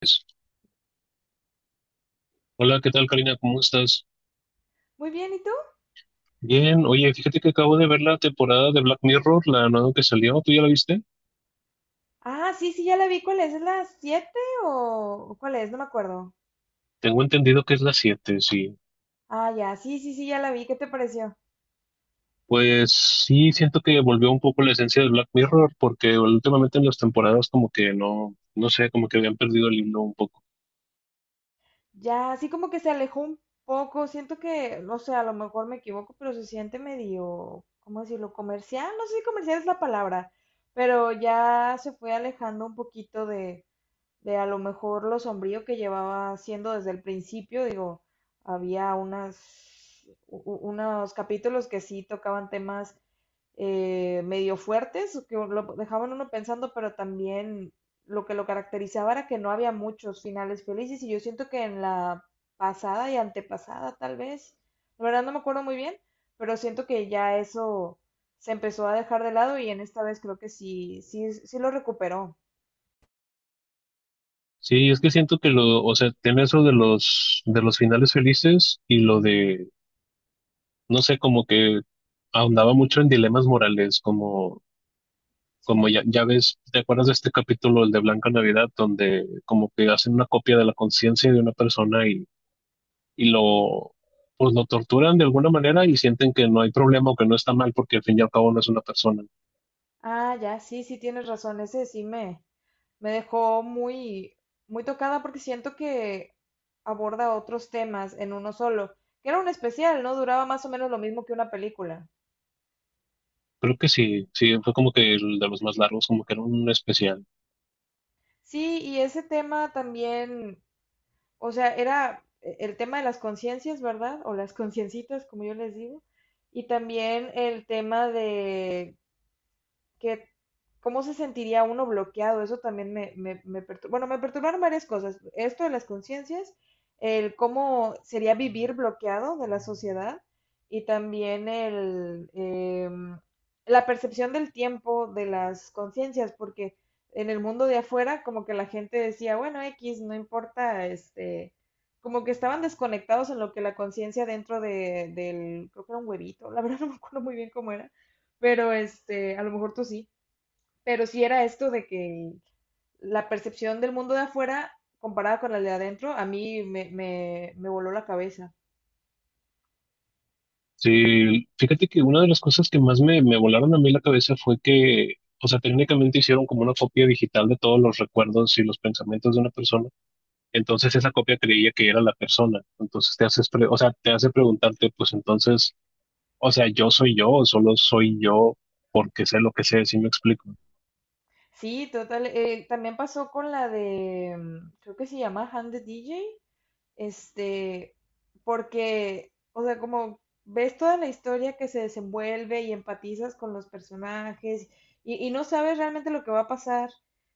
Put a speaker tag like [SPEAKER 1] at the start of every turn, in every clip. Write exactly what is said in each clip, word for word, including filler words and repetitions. [SPEAKER 1] Pues, hola, ¿qué tal, Karina? ¿Cómo estás?
[SPEAKER 2] Muy bien, ¿y tú?
[SPEAKER 1] Bien, oye, fíjate que acabo de ver la temporada de Black Mirror, la nueva que salió, ¿tú ya la viste?
[SPEAKER 2] Ah, sí, sí, ya la vi. ¿Cuál es? ¿Es la siete o o cuál es? No me acuerdo.
[SPEAKER 1] Tengo entendido que es la siete, sí.
[SPEAKER 2] Ah, ya, sí, sí, sí, ya la vi. ¿Qué te pareció?
[SPEAKER 1] Pues sí, siento que volvió un poco la esencia de Black Mirror, porque últimamente en las temporadas como que no, no sé, como que habían perdido el hilo un poco.
[SPEAKER 2] Ya, así como que se alejó un poco. Siento que, no sé, a lo mejor me equivoco, pero se siente medio, ¿cómo decirlo? Comercial. No sé si comercial es la palabra, pero ya se fue alejando un poquito de, de a lo mejor lo sombrío que llevaba siendo desde el principio. Digo, había unas, u- u- unos capítulos que sí tocaban temas eh, medio fuertes, que lo dejaban uno pensando, pero también lo que lo caracterizaba era que no había muchos finales felices y yo siento que en la pasada y antepasada tal vez, la verdad no me acuerdo muy bien, pero siento que ya eso se empezó a dejar de lado y en esta vez creo que sí, sí, sí lo recuperó.
[SPEAKER 1] Sí, es que siento que lo, o sea, tiene eso de los, de los finales felices y lo de, no sé, como que ahondaba mucho en dilemas morales, como como
[SPEAKER 2] Sí.
[SPEAKER 1] ya, ya ves, ¿te acuerdas de este capítulo, el de Blanca Navidad, donde como que hacen una copia de la conciencia de una persona y, y lo, pues lo torturan de alguna manera y sienten que no hay problema o que no está mal porque al fin y al cabo no es una persona.
[SPEAKER 2] Ah, ya, sí, sí tienes razón, ese sí me, me dejó muy, muy tocada porque siento que aborda otros temas en uno solo, que era un especial, ¿no? Duraba más o menos lo mismo que una película.
[SPEAKER 1] Creo que sí, sí, fue como que el de los más largos, como que era un especial.
[SPEAKER 2] Sí, y ese tema también, o sea, era eh, el tema de las conciencias, ¿verdad? O las conciencitas, como yo les digo, y también el tema de que cómo se sentiría uno bloqueado, eso también me, me, me perturba. Bueno, me perturbaron varias cosas. Esto de las conciencias, el cómo sería vivir bloqueado de la sociedad y también el, eh, la percepción del tiempo de las conciencias, porque en el mundo de afuera como que la gente decía, bueno, X, no importa, este, como que estaban desconectados en lo que la conciencia dentro de, del, creo que era un huevito, la verdad no me acuerdo muy bien cómo era, pero este, a lo mejor tú sí, pero sí era esto de que la percepción del mundo de afuera comparada con la de adentro, a mí me, me, me voló la cabeza.
[SPEAKER 1] Sí, fíjate que una de las cosas que más me, me volaron a mí la cabeza fue que, o sea, técnicamente hicieron como una copia digital de todos los recuerdos y los pensamientos de una persona. Entonces esa copia creía que era la persona. Entonces te haces, pre- o sea, te hace preguntarte, pues entonces, o sea, yo soy yo o solo soy yo porque sé lo que sé, si me explico.
[SPEAKER 2] Sí, total. Eh, también pasó con la de, mm, creo que se llama Hand the D J, este, porque, o sea, como ves toda la historia que se desenvuelve y empatizas con los personajes y, y no sabes realmente lo que va a pasar,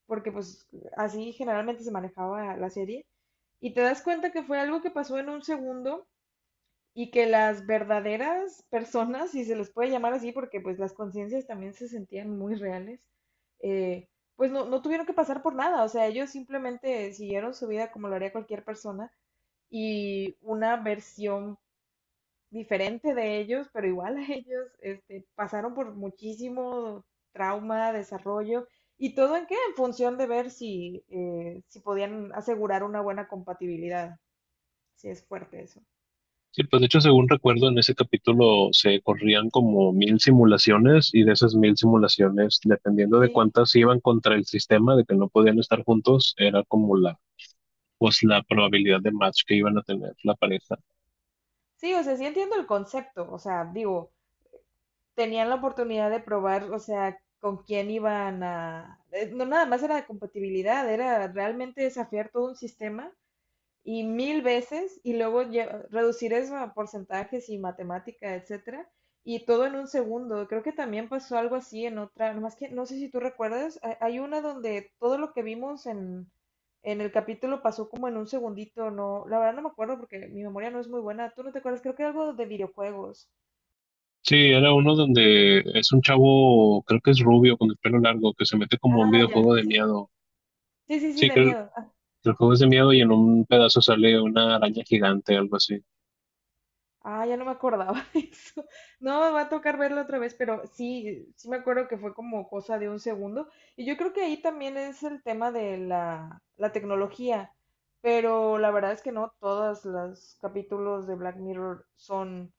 [SPEAKER 2] porque pues así generalmente se manejaba la serie, y te das cuenta que fue algo que pasó en un segundo y que las verdaderas personas, si se les puede llamar así, porque pues las conciencias también se sentían muy reales, eh, pues no, no tuvieron que pasar por nada, o sea, ellos simplemente siguieron su vida como lo haría cualquier persona y una versión diferente de ellos, pero igual a ellos, este, pasaron por muchísimo trauma, desarrollo y todo en qué, en función de ver si, eh, si podían asegurar una buena compatibilidad, si es fuerte eso.
[SPEAKER 1] Sí, pues de hecho, según recuerdo, en ese capítulo se corrían como mil simulaciones y de esas mil simulaciones, dependiendo de
[SPEAKER 2] Sí.
[SPEAKER 1] cuántas iban contra el sistema, de que no podían estar juntos, era como la, pues la probabilidad de match que iban a tener la pareja.
[SPEAKER 2] Sí, o sea, sí entiendo el concepto, o sea, digo, tenían la oportunidad de probar, o sea, con quién iban a... eh, No nada más era de compatibilidad, era realmente desafiar todo un sistema y mil veces y luego lle- reducir eso a porcentajes y matemática, etcétera, y todo en un segundo. Creo que también pasó algo así en otra, más que no sé si tú recuerdas, ha- hay una donde todo lo que vimos en en el capítulo pasó como en un segundito, no, la verdad no me acuerdo porque mi memoria no es muy buena. ¿Tú no te acuerdas? Creo que algo de videojuegos.
[SPEAKER 1] Sí, era uno donde es un chavo, creo que es rubio, con el pelo largo, que se mete como a un
[SPEAKER 2] Ah, ya,
[SPEAKER 1] videojuego de
[SPEAKER 2] sí.
[SPEAKER 1] miedo.
[SPEAKER 2] Sí, sí, sí,
[SPEAKER 1] Sí,
[SPEAKER 2] de
[SPEAKER 1] que el,
[SPEAKER 2] miedo.
[SPEAKER 1] que el juego es de miedo y en un pedazo sale una araña gigante, algo así.
[SPEAKER 2] Ah, ya no me acordaba de eso. No, me va a tocar verlo otra vez, pero sí, sí me acuerdo que fue como cosa de un segundo. Y yo creo que ahí también es el tema de la, la tecnología, pero la verdad es que no todos los capítulos de Black Mirror son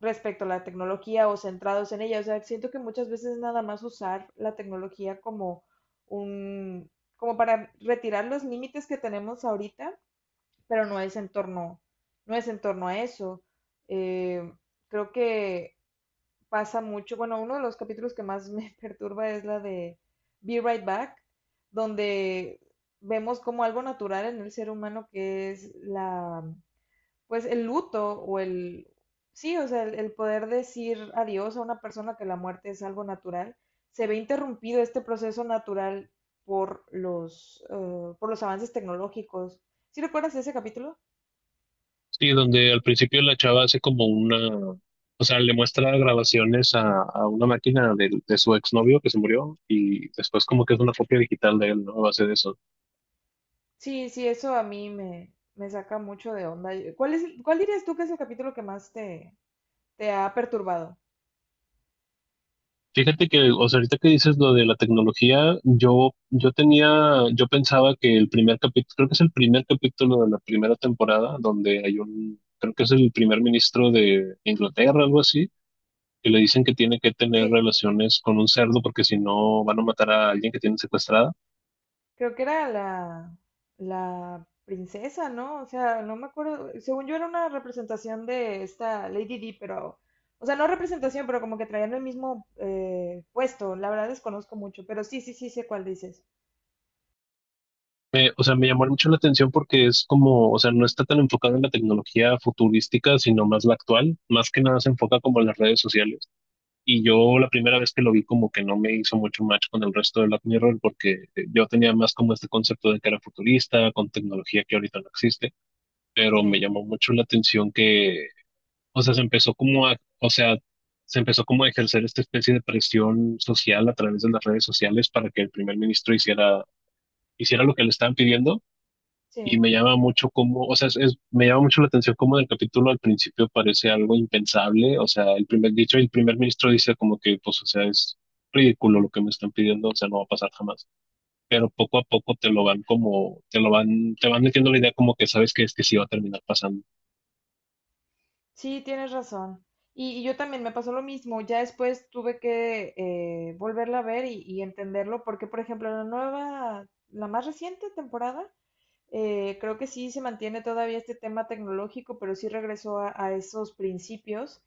[SPEAKER 2] respecto a la tecnología o centrados en ella. O sea, siento que muchas veces nada más usar la tecnología como un, como para retirar los límites que tenemos ahorita pero no es en torno, no es en torno a eso. Eh, Creo que pasa mucho, bueno, uno de los capítulos que más me perturba es la de Be Right Back, donde vemos como algo natural en el ser humano que es la, pues el luto o el, sí, o sea, el, el poder decir adiós a una persona que la muerte es algo natural, se ve interrumpido este proceso natural por los, eh, por los avances tecnológicos. ¿Sí recuerdas ese capítulo?
[SPEAKER 1] Sí, donde al principio la chava hace como una, o sea, le muestra grabaciones a, a una máquina de, de su exnovio que se murió y después como que es una copia digital de él, ¿no? A base de eso.
[SPEAKER 2] Sí, sí, eso a mí me, me saca mucho de onda. ¿Cuál es, el- cuál dirías tú que es el capítulo que más te, te ha perturbado?
[SPEAKER 1] Fíjate que, o sea, ahorita que dices lo de la tecnología, yo, yo tenía, yo pensaba que el primer capítulo, creo que es el primer capítulo de la primera temporada, donde hay un, creo que es el primer ministro de Inglaterra, algo así que le dicen que tiene que tener
[SPEAKER 2] Sí,
[SPEAKER 1] relaciones con un cerdo porque si no van a matar a alguien que tienen secuestrada.
[SPEAKER 2] creo que era la, la princesa, ¿no? O sea, no me acuerdo, según yo era una representación de esta Lady Di, pero, o sea, no representación, pero como que traían el mismo eh, puesto. La verdad desconozco mucho, pero sí, sí, sí sé cuál dices.
[SPEAKER 1] Me- o sea, me llamó mucho la atención porque es como, o sea, no está tan enfocado en la tecnología futurística, sino más la actual. Más que nada se enfoca como en las redes sociales. Y yo la primera vez que lo vi como que no me hizo mucho match con el resto de Black Mirror porque eh, yo tenía más como este concepto de que era futurista, con tecnología que ahorita no existe,
[SPEAKER 2] Sí,
[SPEAKER 1] pero me llamó mucho la atención que... O sea, se empezó como a, o sea, se empezó como a ejercer esta especie de presión social a través de las redes sociales para que el primer ministro hiciera, hiciera lo que le estaban pidiendo. Y
[SPEAKER 2] sí.
[SPEAKER 1] me llama mucho como, o sea, es, es- me llama mucho la atención como en el capítulo al principio parece algo impensable. O sea, el primer, dicho, el primer ministro dice como que, pues, o sea, es ridículo lo que me están pidiendo, o sea, no va a pasar jamás. Pero poco a poco te lo van como, te lo van, te van metiendo la idea como que sabes que es que sí va a terminar pasando.
[SPEAKER 2] Sí, tienes razón. Y, y yo también me pasó lo mismo. Ya después tuve que eh, volverla a ver y, y entenderlo, porque por ejemplo la nueva, la más reciente temporada, eh, creo que sí se mantiene todavía este tema tecnológico, pero sí regresó a, a esos principios.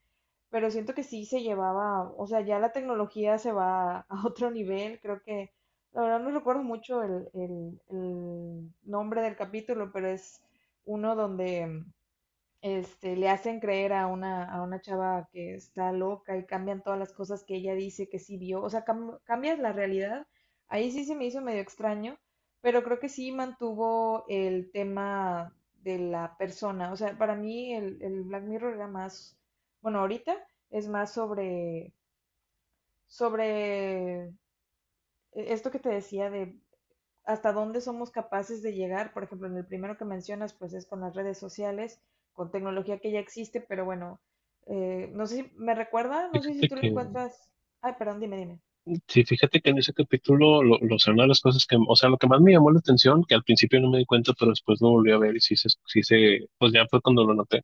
[SPEAKER 2] Pero siento que sí se llevaba, o sea, ya la tecnología se va a otro nivel. Creo que, la verdad no recuerdo mucho el, el el nombre del capítulo, pero es uno donde este, le hacen creer a una, a una chava que está loca y cambian todas las cosas que ella dice que sí vio, o sea, cam- cambias la realidad. Ahí sí se me hizo medio extraño, pero creo que sí mantuvo el tema de la persona. O sea, para mí el, el Black Mirror era más, bueno, ahorita es más sobre, sobre eh, esto que te decía de hasta dónde somos capaces de llegar. Por ejemplo, en el primero que mencionas, pues es con las redes sociales, con tecnología que ya existe, pero bueno, eh, no sé si me recuerda, no sé si
[SPEAKER 1] Fíjate
[SPEAKER 2] tú lo
[SPEAKER 1] que
[SPEAKER 2] encuentras. Ay, perdón, dime, dime.
[SPEAKER 1] Sí, fíjate que en ese capítulo, lo, lo, o sea, una de las cosas que, o sea, lo que más me llamó la atención, que al principio no me di cuenta, pero después lo volví a ver y sí se, sí se, pues ya fue cuando lo noté,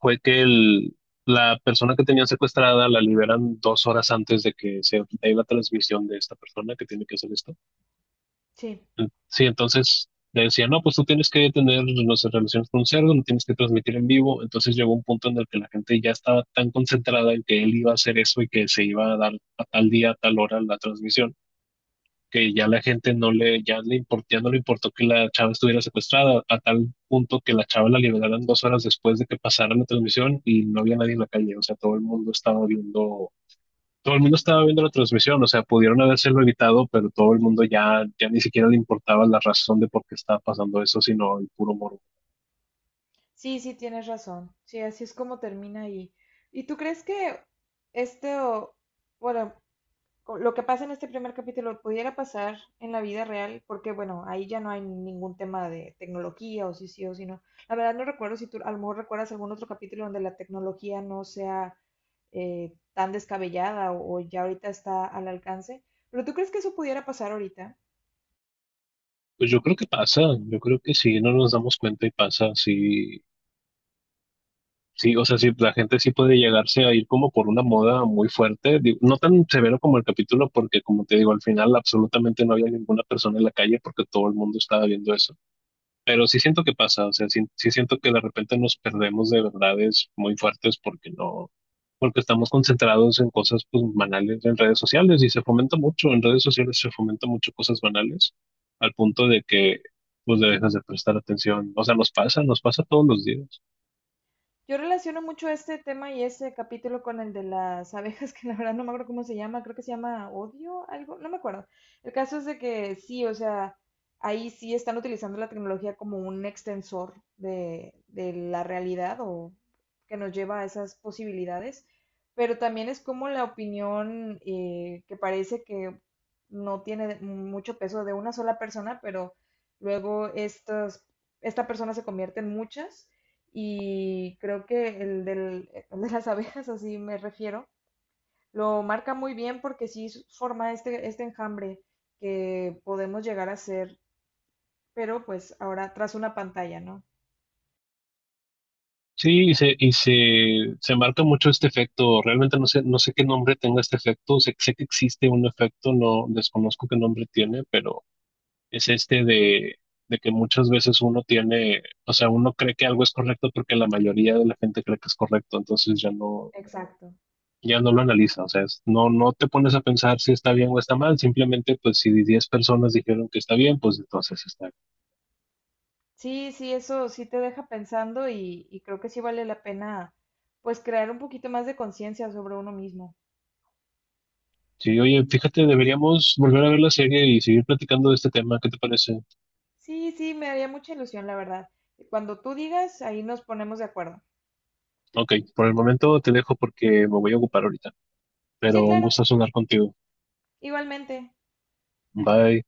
[SPEAKER 1] fue que el, la persona que tenían secuestrada la liberan dos horas antes de que se dé la transmisión de esta persona que tiene que hacer esto.
[SPEAKER 2] Sí,
[SPEAKER 1] Sí, entonces le decían, no, pues tú tienes que tener, no sé, relaciones con un cerdo, no tienes que transmitir en vivo. Entonces llegó un punto en el que la gente ya estaba tan concentrada en que él iba a hacer eso y que se iba a dar a tal día, a tal hora la transmisión que ya la gente no le, ya le import- ya no le importó que la chava estuviera secuestrada, a tal punto que la chava la liberaron dos horas después de que pasara la transmisión y no había nadie en la calle, o sea, todo el mundo estaba viendo, todo el mundo estaba viendo la transmisión, o sea, pudieron habérselo evitado, pero todo el mundo ya, ya ni siquiera le importaba la razón de por qué estaba pasando eso, sino el puro morbo.
[SPEAKER 2] sí, sí, tienes razón. Sí, así es como termina ahí. ¿Y tú crees que este, o- bueno, con lo que pasa en este primer capítulo pudiera pasar en la vida real, porque bueno, ahí ya no hay ningún tema de tecnología o si sí o si no. La verdad no recuerdo si tú a lo mejor recuerdas algún otro capítulo donde la tecnología no sea eh, tan descabellada o, o ya ahorita está al alcance, pero ¿tú crees que eso pudiera pasar ahorita?
[SPEAKER 1] Pues yo creo que pasa, yo creo que sí, no nos damos cuenta y pasa, sí. Sí, o sea, sí, la gente sí puede llegarse a ir como por una moda muy fuerte, digo, no tan severo como el capítulo, porque como te digo, al final absolutamente no había ninguna persona en la calle porque todo el mundo estaba viendo eso. Pero sí siento que pasa, o sea, sí, sí siento que de repente nos perdemos de verdades muy fuertes porque no, porque estamos concentrados en cosas pues banales en redes sociales y se fomenta mucho, en redes sociales se fomenta mucho cosas banales al punto de que pues le dejas de prestar atención. O sea, nos pasa, nos pasa todos los días.
[SPEAKER 2] Yo relaciono mucho este tema y este capítulo con el de las abejas, que la verdad no me acuerdo cómo se llama, creo que se llama odio, algo, no me acuerdo. El caso es de que sí, o sea, ahí sí están utilizando la tecnología como un extensor de, de la realidad o que nos lleva a esas posibilidades, pero también es como la opinión eh, que parece que no tiene mucho peso de una sola persona, pero luego estas, esta persona se convierte en muchas y creo que el, del, eh, el de las abejas, así me refiero, lo marca muy bien porque sí forma este, este enjambre que podemos llegar a ser, pero pues ahora tras una pantalla, ¿no?
[SPEAKER 1] Sí, y se, y se, se marca mucho este efecto. Realmente no sé, no sé qué nombre tenga este efecto. Sé, sé que existe un efecto, no desconozco qué nombre tiene, pero es este de, de, que muchas veces uno tiene, o sea, uno cree que algo es correcto porque la mayoría de la gente cree que es correcto, entonces ya no,
[SPEAKER 2] Exacto.
[SPEAKER 1] ya no lo analiza. O sea, es- no, no te pones a pensar si está bien o está mal. Simplemente, pues, si diez personas dijeron que está bien, pues entonces está bien.
[SPEAKER 2] Sí, sí, eso sí te deja pensando y, y creo que sí vale la pena pues crear un poquito más de conciencia sobre uno mismo.
[SPEAKER 1] Sí, oye, fíjate, deberíamos volver a ver la serie y seguir platicando de este tema. ¿Qué te parece?
[SPEAKER 2] Sí, sí, me haría mucha ilusión, la verdad. Cuando tú digas, ahí nos ponemos de acuerdo.
[SPEAKER 1] Ok, por el momento te dejo porque me voy a ocupar ahorita,
[SPEAKER 2] Sí,
[SPEAKER 1] pero un
[SPEAKER 2] claro,
[SPEAKER 1] gusto sonar contigo.
[SPEAKER 2] igualmente.
[SPEAKER 1] Bye.